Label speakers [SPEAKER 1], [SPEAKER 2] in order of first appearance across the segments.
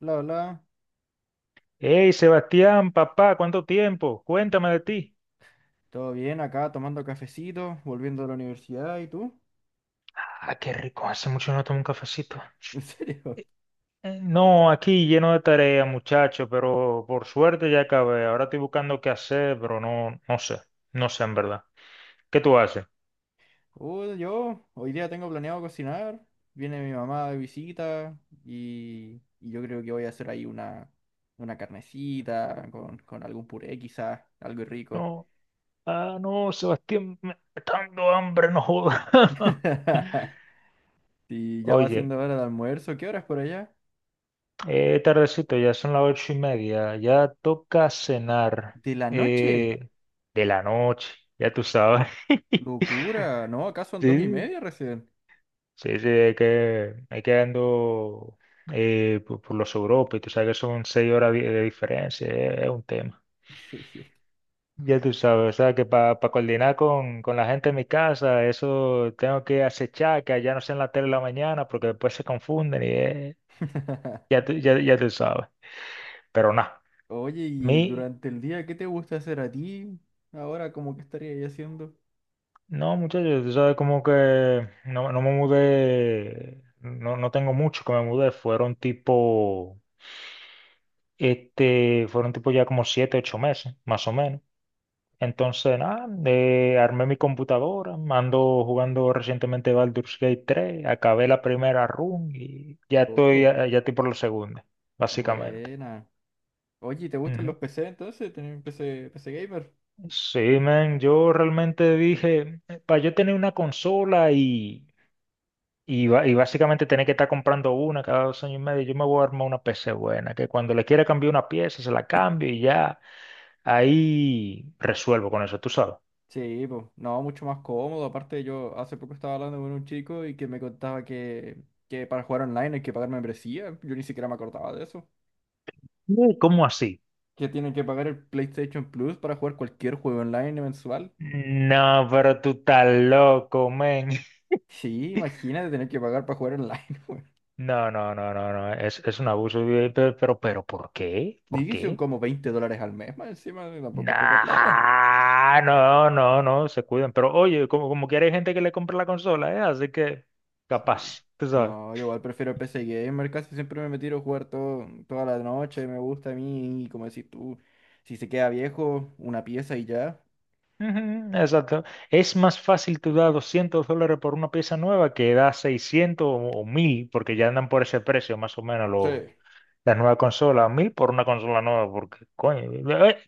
[SPEAKER 1] Bla, bla.
[SPEAKER 2] Hey, Sebastián, papá, ¿cuánto tiempo? Cuéntame de ti.
[SPEAKER 1] Todo bien acá, tomando cafecito, volviendo de la universidad. ¿Y tú?
[SPEAKER 2] Ah, qué rico, hace mucho no tomo un cafecito.
[SPEAKER 1] ¿En serio?
[SPEAKER 2] No, aquí lleno de tarea, muchacho, pero por suerte ya acabé. Ahora estoy buscando qué hacer, pero no, no sé, no sé en verdad. ¿Qué tú haces?
[SPEAKER 1] Yo hoy día tengo planeado cocinar. Viene mi mamá de visita y yo creo que voy a hacer ahí una carnecita con algún puré quizás, algo rico.
[SPEAKER 2] No, ah, no, Sebastián, me está dando hambre, no joda.
[SPEAKER 1] Y ya va
[SPEAKER 2] Oye,
[SPEAKER 1] siendo hora de almuerzo. ¿Qué horas por allá?
[SPEAKER 2] tardecito, ya son las 8:30, ya toca cenar.
[SPEAKER 1] ¿De la noche?
[SPEAKER 2] eh, de la noche, ya tú sabes.
[SPEAKER 1] Locura. No, acá son dos y
[SPEAKER 2] Sí,
[SPEAKER 1] media recién.
[SPEAKER 2] sí, sí, hay que ando por los Europa y tú sabes que son 6 horas de diferencia, es un tema.
[SPEAKER 1] Sí.
[SPEAKER 2] Ya tú sabes, o sea que para coordinar con la gente en mi casa, eso tengo que acechar, que allá no sea en la tele la mañana, porque después se confunden y eh, ya, tú- ya, ya tú sabes. Pero nada,
[SPEAKER 1] Oye, y
[SPEAKER 2] mi,
[SPEAKER 1] durante el día, ¿qué te gusta hacer a ti? Ahora, ¿cómo que estarías haciendo?
[SPEAKER 2] no muchachos, tú sabes como que no me mudé, no tengo mucho que me mudé, fueron tipo. Este, fueron tipo ya como 7, 8 meses, más o menos. Entonces, nada, armé mi computadora, ando jugando recientemente Baldur's Gate 3, acabé la primera run y ya estoy,
[SPEAKER 1] Ojo,
[SPEAKER 2] ya estoy por la segunda, básicamente.
[SPEAKER 1] buena. Oye, ¿te gustan
[SPEAKER 2] Ujú.
[SPEAKER 1] los PC entonces? ¿Tenés PC gamer?
[SPEAKER 2] Sí, man, yo realmente dije, para yo tener una consola y básicamente tener que estar comprando una cada 2 años y medio, yo me voy a armar una PC buena, que cuando le quiera cambiar una pieza, se la cambio y ya, ahí resuelvo con eso, tú sabes.
[SPEAKER 1] Sí, pues, no, mucho más cómodo. Aparte, yo hace poco estaba hablando con un chico y que me contaba que para jugar online hay que pagar membresía. Yo ni siquiera me acordaba de eso.
[SPEAKER 2] "¿Qué? ¿Cómo así?"
[SPEAKER 1] Que tienen que pagar el PlayStation Plus para jugar cualquier juego online mensual.
[SPEAKER 2] No, pero tú estás loco, men.
[SPEAKER 1] Sí, imagínate tener que pagar para jugar online, güey.
[SPEAKER 2] No, no, no, no, no. Es un abuso. Pero, ¿por qué? ¿Por
[SPEAKER 1] Y son
[SPEAKER 2] qué?
[SPEAKER 1] como $20 al mes, más encima, tampoco es poca plata.
[SPEAKER 2] Nah, no, no, no, se cuidan. Pero oye, como quiera hay gente que le compra la consola, ¿eh? Así que,
[SPEAKER 1] Sí.
[SPEAKER 2] capaz, tú sabes.
[SPEAKER 1] No, yo igual prefiero el PC Gamer, casi siempre me tiro a jugar todo, toda la noche, me gusta a mí, y como decís tú, si se queda viejo, una pieza y ya.
[SPEAKER 2] Ujú, exacto. Es más fácil tú dar $200 por una pieza nueva que dar 600 o 1000, porque ya andan por ese precio, más o menos,
[SPEAKER 1] Sí.
[SPEAKER 2] las nuevas consolas. 1000 por una consola nueva, porque, coño. eh,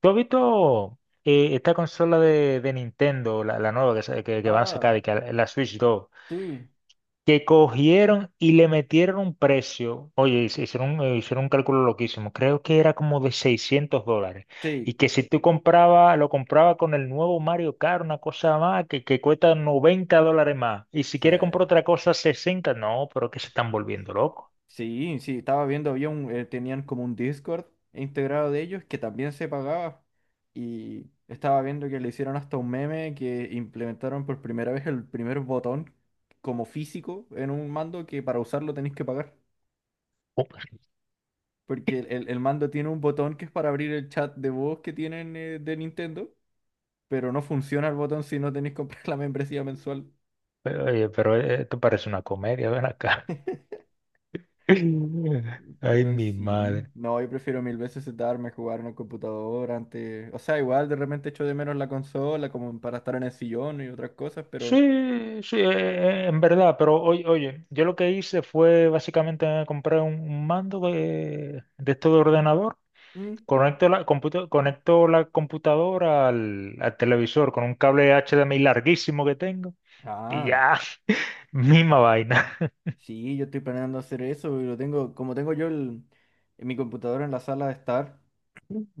[SPEAKER 2] ¿Tú has visto esta consola de Nintendo, la nueva que van a
[SPEAKER 1] Ah,
[SPEAKER 2] sacar, y que la Switch 2,
[SPEAKER 1] sí.
[SPEAKER 2] que cogieron y le metieron un precio? Oye, hicieron un cálculo loquísimo, creo que era como de $600. Y
[SPEAKER 1] Sí,
[SPEAKER 2] que si tú compraba lo compraba con el nuevo Mario Kart, una cosa más, que cuesta $90 más. Y si
[SPEAKER 1] sí,
[SPEAKER 2] quiere comprar otra cosa, 60. No, pero que se están volviendo locos.
[SPEAKER 1] sí, estaba viendo, tenían como un Discord integrado de ellos que también se pagaba y estaba viendo que le hicieron hasta un meme que implementaron por primera vez el primer botón como físico en un mando que para usarlo tenéis que pagar.
[SPEAKER 2] Oh.
[SPEAKER 1] Porque el mando tiene un botón que es para abrir el chat de voz que tienen de Nintendo, pero no funciona el botón si no tenéis que comprar la membresía mensual.
[SPEAKER 2] Pero, oye, pero esto parece una comedia, ven acá. Ay,
[SPEAKER 1] Pero
[SPEAKER 2] mi
[SPEAKER 1] sí,
[SPEAKER 2] madre.
[SPEAKER 1] no, yo prefiero mil veces sentarme a jugar en el computador antes. O sea, igual de repente echo de menos la consola como para estar en el sillón y otras cosas, pero...
[SPEAKER 2] Sí, sí, en verdad, pero oye, yo lo que hice fue básicamente comprar un mando de esto de ordenador,
[SPEAKER 1] mm,
[SPEAKER 2] conecto la computadora al televisor con un cable HDMI larguísimo que tengo y
[SPEAKER 1] ah.
[SPEAKER 2] ya, misma vaina.
[SPEAKER 1] Sí, yo estoy planeando hacer eso y lo tengo, como tengo yo en mi computadora en la sala de estar,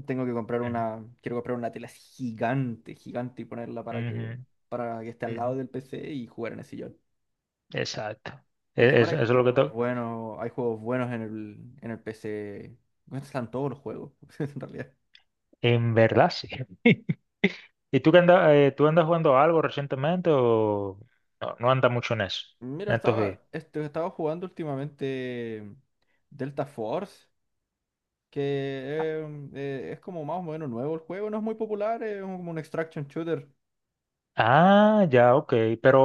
[SPEAKER 1] tengo que comprar
[SPEAKER 2] Ujú,
[SPEAKER 1] una, quiero comprar una tela así gigante, gigante y ponerla para
[SPEAKER 2] ujú,
[SPEAKER 1] para que esté al
[SPEAKER 2] ujú.
[SPEAKER 1] lado del PC y jugar en el sillón.
[SPEAKER 2] Exacto.
[SPEAKER 1] Porque
[SPEAKER 2] E-
[SPEAKER 1] igual
[SPEAKER 2] es- Eso, es lo que to-.
[SPEAKER 1] hay juegos buenos en el PC. Bueno, están todos los juegos, en realidad.
[SPEAKER 2] En verdad, sí. ¿Y tú, tú andas jugando algo recientemente o no, no andas mucho en eso,
[SPEAKER 1] Mira,
[SPEAKER 2] en estos días?
[SPEAKER 1] estaba jugando últimamente Delta Force, que es como más o menos nuevo el juego, no es muy popular, como un extraction shooter.
[SPEAKER 2] Ah, ya, ok. Pero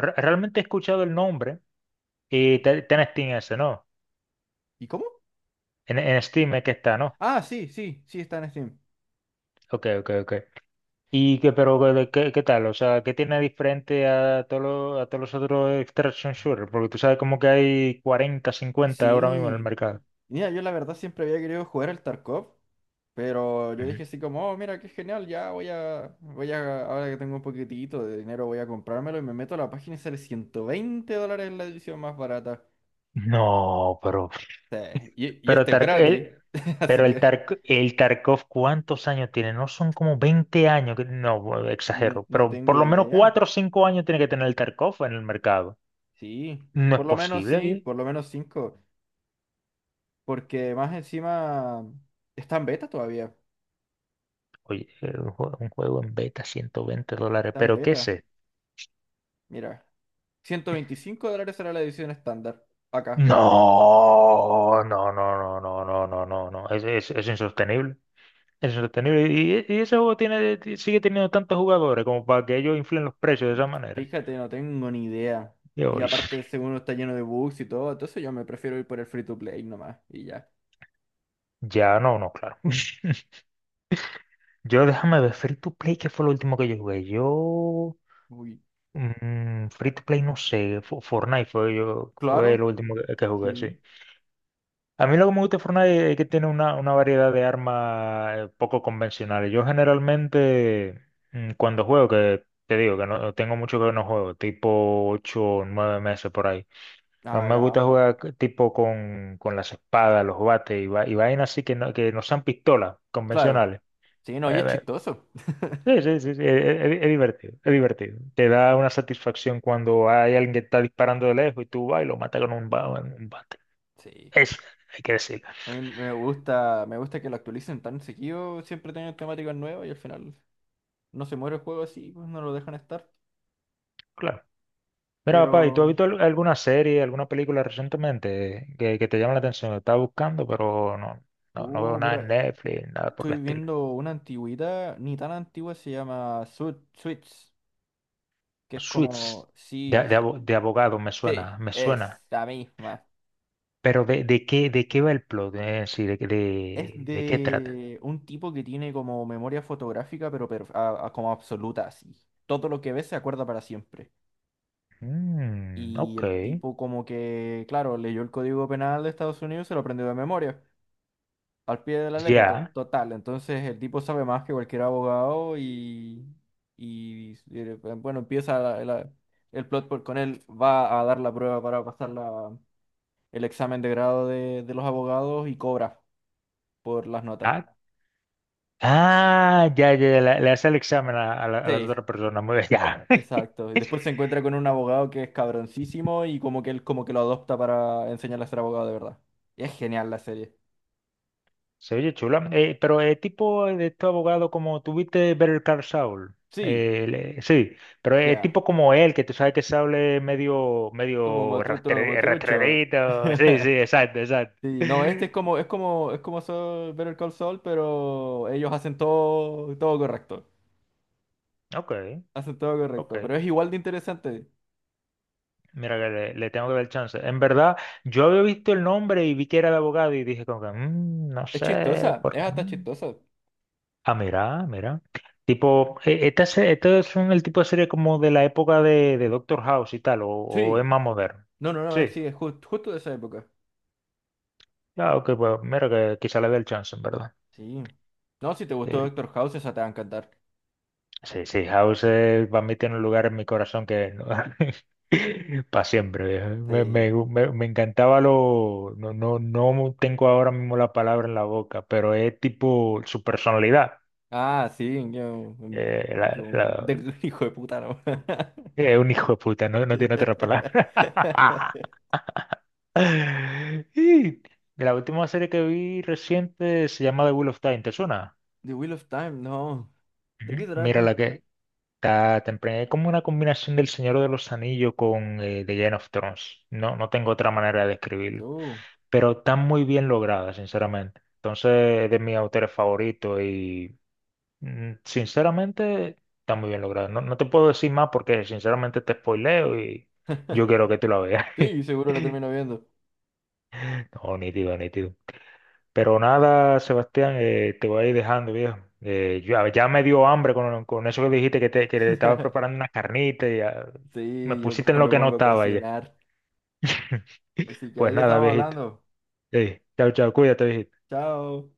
[SPEAKER 2] realmente he escuchado el nombre y está en Steam ese, ¿no?
[SPEAKER 1] ¿Y cómo?
[SPEAKER 2] En Steam es que está, ¿no?
[SPEAKER 1] Ah, sí, está en Steam.
[SPEAKER 2] Ok, ok, ok. ¿Pero qué tal? O sea, ¿qué tiene diferente a todos los, otros extraction shooter? Porque tú sabes como que hay 40, 50 ahora mismo en el
[SPEAKER 1] Sí.
[SPEAKER 2] mercado.
[SPEAKER 1] Mira, yo la verdad siempre había querido jugar al Tarkov, pero yo
[SPEAKER 2] Ujú.
[SPEAKER 1] dije así como, oh, mira, qué genial, ya ahora que tengo un poquitito de dinero, voy a comprármelo y me meto a la página y sale $120 la edición más barata.
[SPEAKER 2] No,
[SPEAKER 1] Sí, y
[SPEAKER 2] pero,
[SPEAKER 1] este es
[SPEAKER 2] Tark-
[SPEAKER 1] gratis,
[SPEAKER 2] el,
[SPEAKER 1] así
[SPEAKER 2] pero el,
[SPEAKER 1] que
[SPEAKER 2] Tark- el Tarkov, ¿cuántos años tiene? No son como 20 años, no, bueno, exagero,
[SPEAKER 1] no
[SPEAKER 2] pero
[SPEAKER 1] tengo
[SPEAKER 2] por lo menos
[SPEAKER 1] idea.
[SPEAKER 2] 4 o 5 años tiene que tener el Tarkov en el mercado.
[SPEAKER 1] Sí,
[SPEAKER 2] No es
[SPEAKER 1] por lo menos
[SPEAKER 2] posible,
[SPEAKER 1] sí,
[SPEAKER 2] bien.
[SPEAKER 1] por lo menos 5, porque más encima está en beta todavía,
[SPEAKER 2] Oye, un juego en beta, $120,
[SPEAKER 1] está en
[SPEAKER 2] pero ¿qué es
[SPEAKER 1] beta,
[SPEAKER 2] esto?
[SPEAKER 1] mira. $125 será la edición estándar. Acá.
[SPEAKER 2] No, no, no, no, no, no, no, no, no. Es insostenible. Es insostenible. Y ese juego sigue teniendo tantos jugadores como para que ellos inflen los precios de esa manera.
[SPEAKER 1] Fíjate, no tengo ni idea. Y
[SPEAKER 2] Yo,
[SPEAKER 1] aparte, según está lleno de bugs y todo, entonces yo me prefiero ir por el free to play nomás. Y ya.
[SPEAKER 2] ya no, no, claro. Yo déjame ver Free to Play, que fue lo último que yo jugué. Yo,
[SPEAKER 1] Uy.
[SPEAKER 2] Free to Play, no sé, Fortnite fue
[SPEAKER 1] Claro,
[SPEAKER 2] lo último que jugué, sí.
[SPEAKER 1] sí.
[SPEAKER 2] A mí lo que me gusta de Fortnite es que tiene una variedad de armas poco convencionales. Yo generalmente, cuando juego, que te digo que no tengo mucho que no juego, tipo 8 o 9 meses por ahí. A mí
[SPEAKER 1] Ah,
[SPEAKER 2] me
[SPEAKER 1] ya,
[SPEAKER 2] gusta
[SPEAKER 1] harto.
[SPEAKER 2] jugar tipo con las espadas, los bates y vainas así que no sean pistolas
[SPEAKER 1] Claro.
[SPEAKER 2] convencionales.
[SPEAKER 1] Sí, no, y es
[SPEAKER 2] Eh,
[SPEAKER 1] chistoso.
[SPEAKER 2] sí, sí, sí, sí, es divertido. Te da una satisfacción cuando hay alguien que está disparando de lejos y tú vas y lo matas con un bate.
[SPEAKER 1] Sí.
[SPEAKER 2] Eso, hay que decirlo.
[SPEAKER 1] A mí me gusta que lo actualicen tan seguido. Siempre tienen temáticas nuevas y al final no se muere el juego así, pues no lo dejan estar.
[SPEAKER 2] Claro. Mira, papá, ¿y tú has
[SPEAKER 1] Pero,
[SPEAKER 2] visto alguna serie, alguna película recientemente que te llama la atención? Estaba buscando, pero no, no, no veo nada en
[SPEAKER 1] mira,
[SPEAKER 2] Netflix, nada por el
[SPEAKER 1] estoy
[SPEAKER 2] estilo.
[SPEAKER 1] viendo una antigüedad, ni tan antigua, se llama Switch que es como,
[SPEAKER 2] Suits, de,
[SPEAKER 1] sí,
[SPEAKER 2] de,
[SPEAKER 1] sí,
[SPEAKER 2] abo- de abogado, me
[SPEAKER 1] sí,
[SPEAKER 2] suena, me suena.
[SPEAKER 1] es la misma.
[SPEAKER 2] Pero ¿de qué va el plot? Sí, de, qué-
[SPEAKER 1] Es
[SPEAKER 2] de, de qué trata?
[SPEAKER 1] de un tipo que tiene como memoria fotográfica, pero como absoluta, así. Todo lo que ve se acuerda para siempre.
[SPEAKER 2] Mm,
[SPEAKER 1] Y
[SPEAKER 2] ok,
[SPEAKER 1] el tipo como que, claro, leyó el Código Penal de Estados Unidos y se lo aprendió de memoria, al pie de la letra,
[SPEAKER 2] ya.
[SPEAKER 1] total. Entonces el tipo sabe más que cualquier abogado y, bueno, empieza el plot con él, va a dar la prueba para pasarla el examen de grado de los abogados y cobra por las notas.
[SPEAKER 2] Ah, ya, ya, ya, le hace el examen a las
[SPEAKER 1] Sí,
[SPEAKER 2] otras personas. Muy bien, ya.
[SPEAKER 1] exacto. Y después se encuentra con un abogado que es cabroncísimo y como que él como que lo adopta para enseñarle a ser abogado de verdad. Y es genial la serie.
[SPEAKER 2] Se oye chula. Pero es tipo de este abogado como tuviste Better Call Saul.
[SPEAKER 1] Sí,
[SPEAKER 2] Sí, pero es
[SPEAKER 1] ya.
[SPEAKER 2] tipo como él, que tú sabes que Saul es medio,
[SPEAKER 1] Como
[SPEAKER 2] medio
[SPEAKER 1] motutro, como trucho.
[SPEAKER 2] rastrerito. Sí, sí, exacto, exacto.
[SPEAKER 1] Sí, no, este es como, es como, es como Better Call Saul, pero ellos hacen todo, todo correcto.
[SPEAKER 2] Ok,
[SPEAKER 1] Hacen todo correcto.
[SPEAKER 2] ok.
[SPEAKER 1] Pero es igual de interesante.
[SPEAKER 2] Mira que le tengo que dar chance. En verdad, yo había visto el nombre y vi que era de abogado y dije como que, "Mm, no
[SPEAKER 1] Es
[SPEAKER 2] sé,
[SPEAKER 1] chistosa,
[SPEAKER 2] por
[SPEAKER 1] es
[SPEAKER 2] qué.
[SPEAKER 1] hasta
[SPEAKER 2] Mm".
[SPEAKER 1] chistosa.
[SPEAKER 2] Ah, mira, mira. Tipo, estos son el tipo de serie como de la época de Doctor House y tal, o es
[SPEAKER 1] Sí.
[SPEAKER 2] más moderno.
[SPEAKER 1] No,
[SPEAKER 2] Sí,
[SPEAKER 1] sí, es justo de esa época.
[SPEAKER 2] ah, ok, pues mira que quizá le dé el chance, en verdad.
[SPEAKER 1] Sí. No, si te gustó
[SPEAKER 2] El-
[SPEAKER 1] Doctor House, esa te va a encantar.
[SPEAKER 2] Sí, sí, House para mí tiene un lugar en mi corazón que para siempre, viejo. Me,
[SPEAKER 1] Sí.
[SPEAKER 2] me, me- me encantaba lo. No, no, no tengo ahora mismo la palabra en la boca, pero es tipo su personalidad.
[SPEAKER 1] Ah, sí,
[SPEAKER 2] eh, la- la-
[SPEAKER 1] hijo de puta, no.
[SPEAKER 2] es un hijo de puta, no, no tiene otra palabra. Y la última serie que vi reciente se llama The Wheel of Time, ¿te suena?
[SPEAKER 1] The Wheel of Time, no. ¿De
[SPEAKER 2] Ujú.
[SPEAKER 1] qué
[SPEAKER 2] Mira
[SPEAKER 1] trata?
[SPEAKER 2] la que está temprana. Es como una combinación del Señor de los Anillos con The Game of Thrones. No, no tengo otra manera de describirlo.
[SPEAKER 1] No.
[SPEAKER 2] Pero está muy bien lograda, sinceramente. Entonces es de mis autores favoritos y sinceramente está muy bien lograda. No, no te puedo decir más porque sinceramente te spoileo y yo quiero que tú la veas.
[SPEAKER 1] Sí, seguro la termino viendo.
[SPEAKER 2] No, nítido, nítido. Pero nada, Sebastián, te voy a ir dejando, viejo. Ya me dio hambre con eso que dijiste que le estaba preparando una carnita y me
[SPEAKER 1] Sí, yo
[SPEAKER 2] pusiste en
[SPEAKER 1] mejor
[SPEAKER 2] lo
[SPEAKER 1] me
[SPEAKER 2] que no
[SPEAKER 1] pongo a
[SPEAKER 2] estaba ya.
[SPEAKER 1] cocinar. Así que
[SPEAKER 2] Pues
[SPEAKER 1] ahí
[SPEAKER 2] nada,
[SPEAKER 1] estamos
[SPEAKER 2] viejito.
[SPEAKER 1] hablando.
[SPEAKER 2] Ey, chao, chao, cuídate, viejito.
[SPEAKER 1] Chao.